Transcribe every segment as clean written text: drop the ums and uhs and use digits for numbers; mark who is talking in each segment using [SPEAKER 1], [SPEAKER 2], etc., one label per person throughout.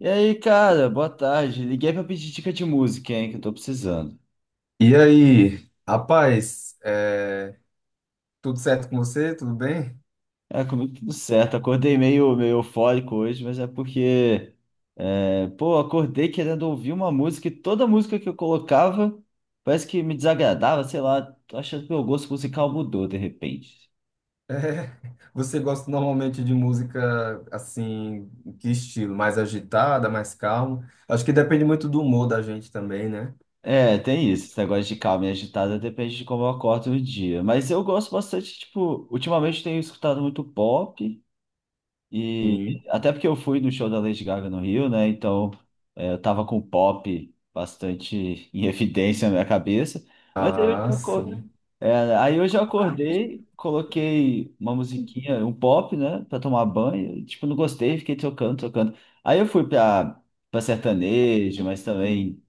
[SPEAKER 1] E aí, cara, boa tarde. Liguei pra pedir dica de música, hein, que eu tô precisando.
[SPEAKER 2] E aí, rapaz, tudo certo com você? Tudo bem?
[SPEAKER 1] É, comigo tudo certo. Acordei meio eufórico hoje, mas é porque, pô, acordei querendo ouvir uma música e toda música que eu colocava parece que me desagradava, sei lá. Tô achando que meu gosto musical mudou de repente.
[SPEAKER 2] É, você gosta normalmente de música assim, que estilo? Mais agitada, mais calma? Acho que depende muito do humor da gente também, né?
[SPEAKER 1] É, tem isso. Esse negócio de calma e agitada depende de como eu acordo no dia. Mas eu gosto bastante, tipo, ultimamente tenho escutado muito pop. E
[SPEAKER 2] Sim.
[SPEAKER 1] até porque eu fui no show da Lady Gaga no Rio, né? Então eu tava com o pop bastante em evidência na minha cabeça. Mas aí eu
[SPEAKER 2] Ah,
[SPEAKER 1] já, aco-
[SPEAKER 2] sim.
[SPEAKER 1] é, aí eu já acordei, coloquei uma musiquinha, um pop, né? Pra tomar banho. E, tipo, não gostei, fiquei trocando, trocando. Aí eu fui pra sertanejo, mas também,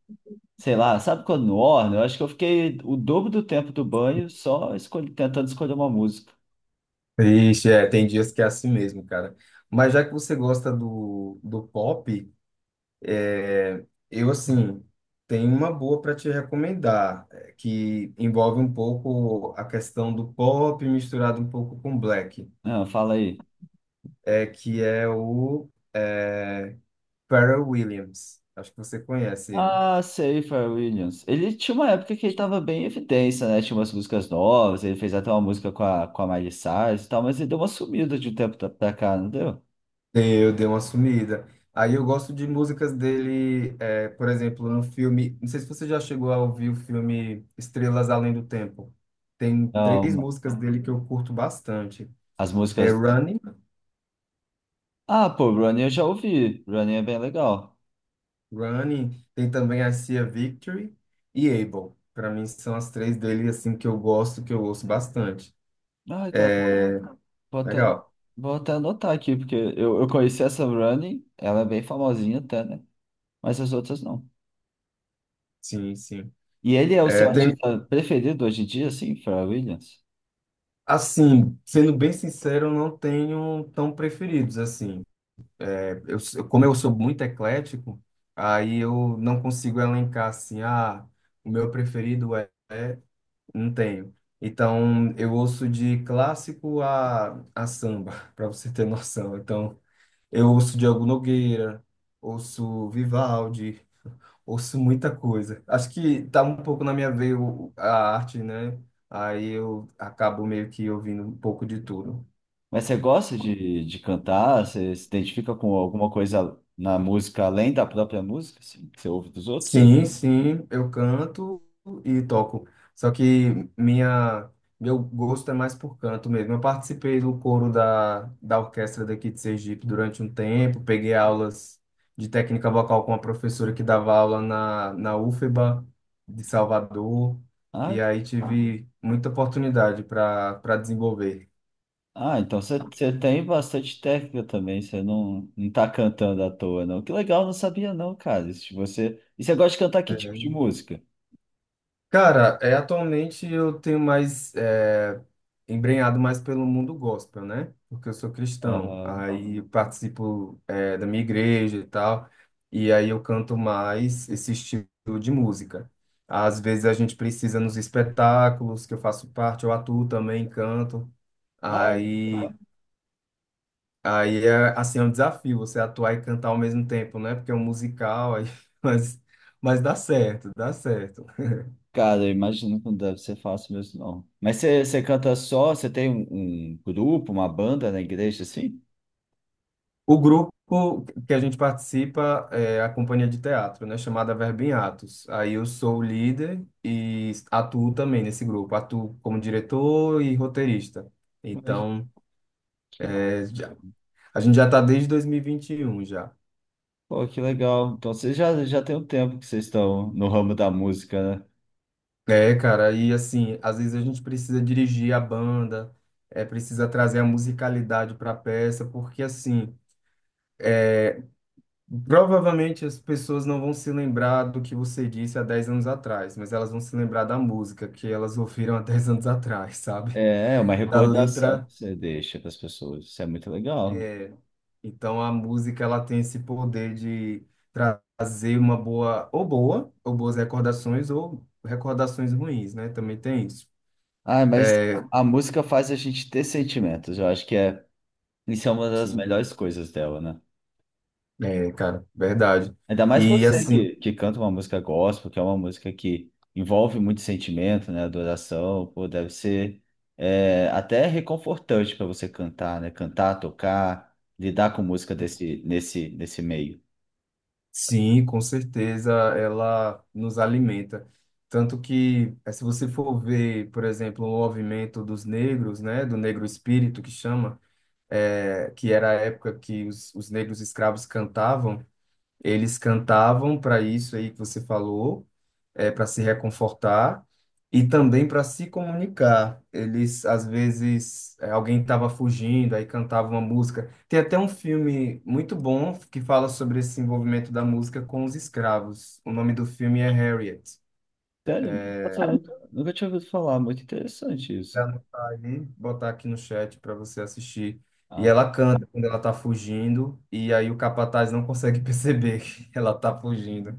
[SPEAKER 1] sei lá, sabe quando no orna? Eu acho que eu fiquei o dobro do tempo do banho tentando escolher uma música.
[SPEAKER 2] Ixi, é, tem dias que é assim mesmo, cara. Mas já que você gosta do pop, é, assim, tenho uma boa para te recomendar, que envolve um pouco a questão do pop misturado um pouco com black,
[SPEAKER 1] Ah, fala aí.
[SPEAKER 2] é, que é o é, Pharrell Williams. Acho que você conhece ele.
[SPEAKER 1] Ah, sei, Pharrell Williams. Ele tinha uma época que ele tava bem em evidência, né? Tinha umas músicas novas, ele fez até uma música com a Miley Cyrus e tal, mas ele deu uma sumida de um tempo pra cá, não deu?
[SPEAKER 2] Eu dei uma sumida. Aí eu gosto de músicas dele, é, por exemplo, no filme. Não sei se você já chegou a ouvir o filme Estrelas Além do Tempo. Tem três
[SPEAKER 1] Não.
[SPEAKER 2] músicas dele que eu curto bastante.
[SPEAKER 1] As
[SPEAKER 2] É
[SPEAKER 1] músicas.
[SPEAKER 2] Running.
[SPEAKER 1] Ah, pô, Running eu já ouvi. Running é bem legal.
[SPEAKER 2] Running, tem também I See a Victory e Able. Para mim são as três dele assim que eu gosto, que eu ouço bastante.
[SPEAKER 1] Ai, cara, vou até, ano-
[SPEAKER 2] Legal.
[SPEAKER 1] vou até anotar aqui, porque eu conheci essa Running, ela é bem famosinha até, né? Mas as outras não.
[SPEAKER 2] Sim, sim.
[SPEAKER 1] E ele é o
[SPEAKER 2] É,
[SPEAKER 1] seu
[SPEAKER 2] tem,
[SPEAKER 1] artista preferido hoje em dia, assim, Pharrell Williams?
[SPEAKER 2] assim, sendo bem sincero, eu não tenho tão preferidos assim. Como eu sou muito eclético, aí eu não consigo elencar assim, o meu preferido não tenho. Então, eu ouço de clássico a samba, para você ter noção. Então, eu ouço Diogo Nogueira, ouço Vivaldi, ouço muita coisa. Acho que tá um pouco na minha veia a arte, né? Aí eu acabo meio que ouvindo um pouco de tudo.
[SPEAKER 1] Mas você gosta de cantar? Você se identifica com alguma coisa na música além da própria música, assim, que você ouve dos outros?
[SPEAKER 2] Sim, sim, eu canto e toco. Só que minha, meu gosto é mais por canto mesmo. Eu participei do coro da orquestra daqui de Sergipe durante um tempo, peguei aulas de técnica vocal com uma professora que dava aula na UFBA de Salvador,
[SPEAKER 1] Ah,
[SPEAKER 2] e aí tive muita oportunidade para desenvolver.
[SPEAKER 1] ah, então você tem bastante técnica também, você não tá cantando à toa, não. Que legal, não sabia não, cara. Isso de você... E você gosta de cantar que tipo de música?
[SPEAKER 2] Cara, é, atualmente eu tenho embrenhado mais pelo mundo gospel, né? Porque eu sou cristão,
[SPEAKER 1] Aham.
[SPEAKER 2] aí eu participo é, da minha igreja e tal, e aí eu canto mais esse estilo de música. Às vezes a gente precisa nos espetáculos que eu faço parte, eu atuo também, canto.
[SPEAKER 1] Ah, é,
[SPEAKER 2] Aí,
[SPEAKER 1] legal.
[SPEAKER 2] aí é assim, é um desafio você atuar e cantar ao mesmo tempo, né? Porque é um musical, aí, mas, mas dá certo, dá certo.
[SPEAKER 1] Cara, eu imagino que não deve ser fácil mesmo, não. Mas você canta só? Você tem um grupo, uma banda na igreja, assim?
[SPEAKER 2] O grupo que a gente participa é a companhia de teatro, né, chamada Verbo em Atos. Aí eu sou o líder e atuo também nesse grupo, atuo como diretor e roteirista. Então,
[SPEAKER 1] Que,
[SPEAKER 2] é, já- a gente já está desde 2021 já.
[SPEAKER 1] pô, que legal. Então vocês já tem um tempo que vocês estão no ramo da música, né?
[SPEAKER 2] É, cara, e assim, às vezes a gente precisa dirigir a banda, é, precisa trazer a musicalidade para a peça, porque é, provavelmente as pessoas não vão se lembrar do que você disse há 10 anos atrás, mas elas vão se lembrar da música que elas ouviram há dez anos atrás, sabe?
[SPEAKER 1] É, é uma
[SPEAKER 2] Da
[SPEAKER 1] recordação
[SPEAKER 2] letra.
[SPEAKER 1] que você deixa para as pessoas. Isso é muito legal.
[SPEAKER 2] É, então a música ela tem esse poder de trazer uma boa, ou boa, ou boas recordações, ou recordações ruins, né? Também tem isso.
[SPEAKER 1] Ah, mas
[SPEAKER 2] É,
[SPEAKER 1] a música faz a gente ter sentimentos. Eu acho isso é uma das
[SPEAKER 2] sim,
[SPEAKER 1] melhores coisas dela, né?
[SPEAKER 2] é, cara, verdade.
[SPEAKER 1] Ainda mais
[SPEAKER 2] E
[SPEAKER 1] você
[SPEAKER 2] assim,
[SPEAKER 1] que canta uma música gospel, que é uma música que envolve muito sentimento, né? Adoração, pô, deve ser até reconfortante para você cantar, né? Cantar, tocar, lidar com música nesse meio.
[SPEAKER 2] sim, com certeza ela nos alimenta. Tanto que, eh, se você for ver, por exemplo, o movimento dos negros, né, do negro espírito que chama, eh, que era a época que os negros escravos cantavam, eles cantavam para isso aí que você falou, é, para se reconfortar e também para se comunicar. Eles, às vezes, é, alguém estava fugindo, aí cantava uma música. Tem até um filme muito bom que fala sobre esse envolvimento da música com os escravos. O nome do filme é Harriet.
[SPEAKER 1] Sério? Nossa, eu nunca tinha ouvido falar. Muito interessante
[SPEAKER 2] Vou
[SPEAKER 1] isso.
[SPEAKER 2] anotar aí, botar aqui no chat para você assistir. E
[SPEAKER 1] Ah.
[SPEAKER 2] ela canta quando ela está fugindo, e aí o capataz não consegue perceber que ela está fugindo.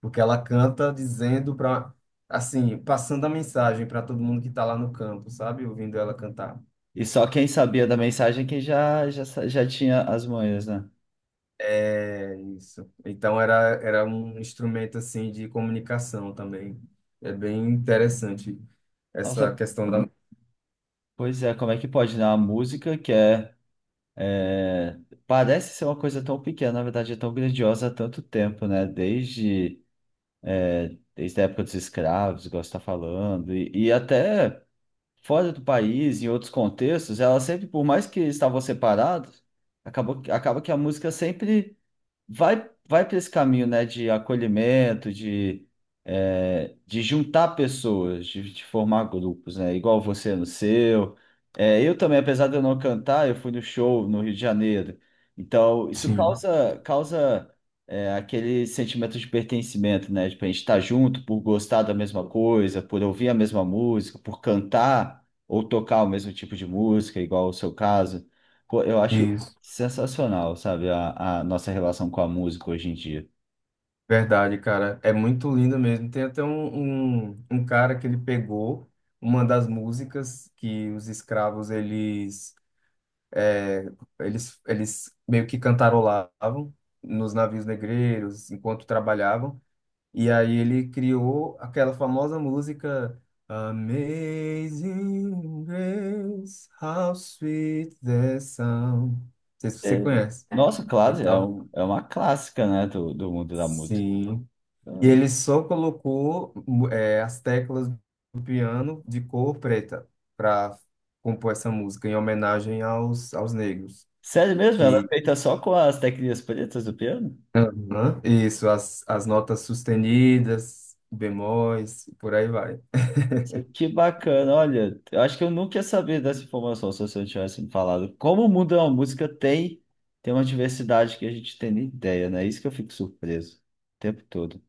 [SPEAKER 2] Porque ela canta dizendo para, assim, passando a mensagem para todo mundo que está lá no campo, sabe? Ouvindo ela cantar.
[SPEAKER 1] E só quem sabia da mensagem é quem já tinha as manhas, né?
[SPEAKER 2] É isso. Então era, era um instrumento assim de comunicação também. É bem interessante essa
[SPEAKER 1] Nossa,
[SPEAKER 2] questão da.
[SPEAKER 1] pois é, como é que pode, né? A música é, parece ser uma coisa tão pequena, na verdade é tão grandiosa há tanto tempo, né? Desde a época dos escravos, igual você está falando, e até fora do país, em outros contextos, ela sempre, por mais que estavam separados, acaba que a música sempre vai para esse caminho, né, de acolhimento, de juntar pessoas, de formar grupos, né, igual você no seu. É, eu também, apesar de eu não cantar, eu fui no show no Rio de Janeiro. Então, isso
[SPEAKER 2] Sim,
[SPEAKER 1] aquele sentimento de pertencimento, né, de a gente estar junto por gostar da mesma coisa, por ouvir a mesma música, por cantar ou tocar o mesmo tipo de música, igual o seu caso. Eu acho
[SPEAKER 2] isso.
[SPEAKER 1] sensacional, sabe, a nossa relação com a música hoje em dia.
[SPEAKER 2] Verdade, cara. É muito lindo mesmo. Tem até um, um cara que ele pegou uma das músicas que os escravos É, eles meio que cantarolavam nos navios negreiros enquanto trabalhavam. E aí ele criou aquela famosa música Amazing Grace, How Sweet the Sound. Não sei se
[SPEAKER 1] É,
[SPEAKER 2] você conhece.
[SPEAKER 1] nossa, classe é,
[SPEAKER 2] Então,
[SPEAKER 1] um- é uma clássica, né, do mundo da música.
[SPEAKER 2] sim. E
[SPEAKER 1] Então,
[SPEAKER 2] ele só colocou as teclas do piano de cor preta para compor essa música em homenagem aos negros,
[SPEAKER 1] sério mesmo, ela é
[SPEAKER 2] que
[SPEAKER 1] feita só com as teclinhas pretas do piano?
[SPEAKER 2] aham. Isso, as notas sustenidas, bemóis, e por aí vai.
[SPEAKER 1] Isso aqui, que bacana, olha, eu acho que eu nunca ia saber dessa informação se você não tivesse me falado. Como o mundo da música tem uma diversidade que a gente tem nem ideia, né? Isso que eu fico surpreso o tempo todo.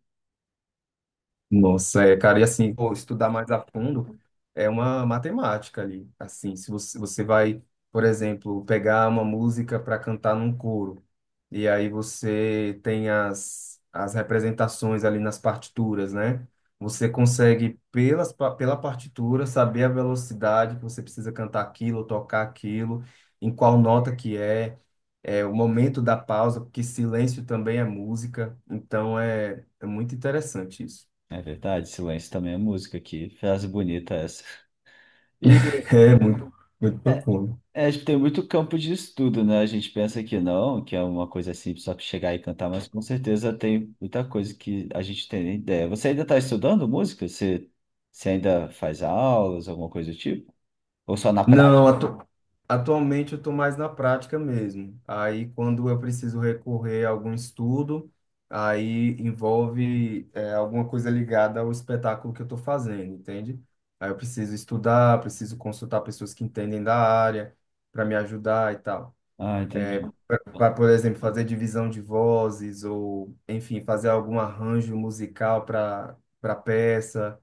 [SPEAKER 2] Nossa, é, cara, e assim, pô, estudar mais a fundo é uma matemática ali. Assim, se você, você vai, por exemplo, pegar uma música para cantar num coro, e aí você tem as representações ali nas partituras, né? Você consegue, pela partitura, saber a velocidade que você precisa cantar aquilo, tocar aquilo, em qual nota que é. É, o momento da pausa, porque silêncio também é música, então é, é muito interessante isso.
[SPEAKER 1] É verdade, silêncio também é música aqui, frase bonita essa. E
[SPEAKER 2] É muito, muito
[SPEAKER 1] é,
[SPEAKER 2] profundo.
[SPEAKER 1] É, acho que tem muito campo de estudo, né? A gente pensa que não, que é uma coisa simples só chegar e cantar, mas com certeza tem muita coisa que a gente tem nem ideia. Você ainda está estudando música? Você ainda faz aulas, alguma coisa do tipo? Ou só na prática?
[SPEAKER 2] Não, atu- Atualmente eu estou mais na prática mesmo. Aí, quando eu preciso recorrer a algum estudo, aí envolve é, alguma coisa ligada ao espetáculo que eu estou fazendo, entende? Aí eu preciso estudar, preciso consultar pessoas que entendem da área para me ajudar e tal.
[SPEAKER 1] Ah, entendi.
[SPEAKER 2] Para, por exemplo, fazer divisão de vozes ou, enfim, fazer algum arranjo musical para peça.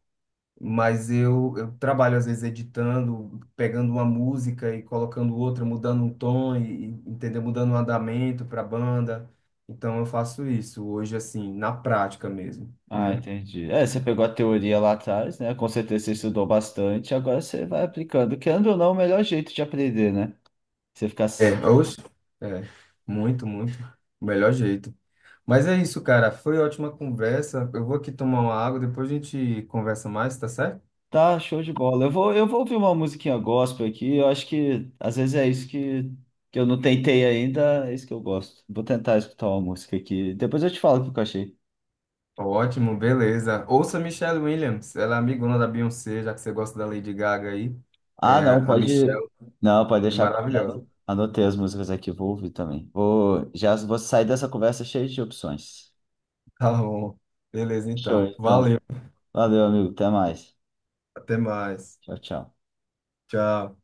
[SPEAKER 2] Mas eu trabalho, às vezes, editando, pegando uma música e colocando outra, mudando um tom, entendeu? Mudando um andamento para a banda. Então, eu faço isso hoje, assim, na prática mesmo,
[SPEAKER 1] Ah,
[SPEAKER 2] né?
[SPEAKER 1] entendi. É, você pegou a teoria lá atrás, né? Com certeza você estudou bastante, agora você vai aplicando. Querendo ou não, o melhor jeito de aprender, né? Você ficar
[SPEAKER 2] É, oxe, é, muito, muito. O melhor jeito. Mas é isso, cara. Foi ótima conversa. Eu vou aqui tomar uma água, depois a gente conversa mais, tá certo?
[SPEAKER 1] tá, show de bola. Eu vou ouvir uma musiquinha gospel aqui. Eu acho que às vezes é isso que eu não tentei ainda, é isso que eu gosto. Vou tentar escutar uma música aqui. Depois eu te falo o que eu achei.
[SPEAKER 2] Ótimo, beleza. Ouça Michelle Williams, ela é amigona da Beyoncé, já que você gosta da Lady Gaga aí.
[SPEAKER 1] Ah,
[SPEAKER 2] É,
[SPEAKER 1] não,
[SPEAKER 2] a
[SPEAKER 1] pode.
[SPEAKER 2] Michelle
[SPEAKER 1] Não, pode
[SPEAKER 2] é
[SPEAKER 1] deixar com ela.
[SPEAKER 2] maravilhosa.
[SPEAKER 1] Anotei as músicas aqui, vou ouvir também. Já vou sair dessa conversa cheia de opções.
[SPEAKER 2] Tá bom. Beleza,
[SPEAKER 1] Show,
[SPEAKER 2] então.
[SPEAKER 1] então.
[SPEAKER 2] Valeu.
[SPEAKER 1] Valeu, amigo. Até mais.
[SPEAKER 2] Até mais.
[SPEAKER 1] Tchau, tchau.
[SPEAKER 2] Tchau.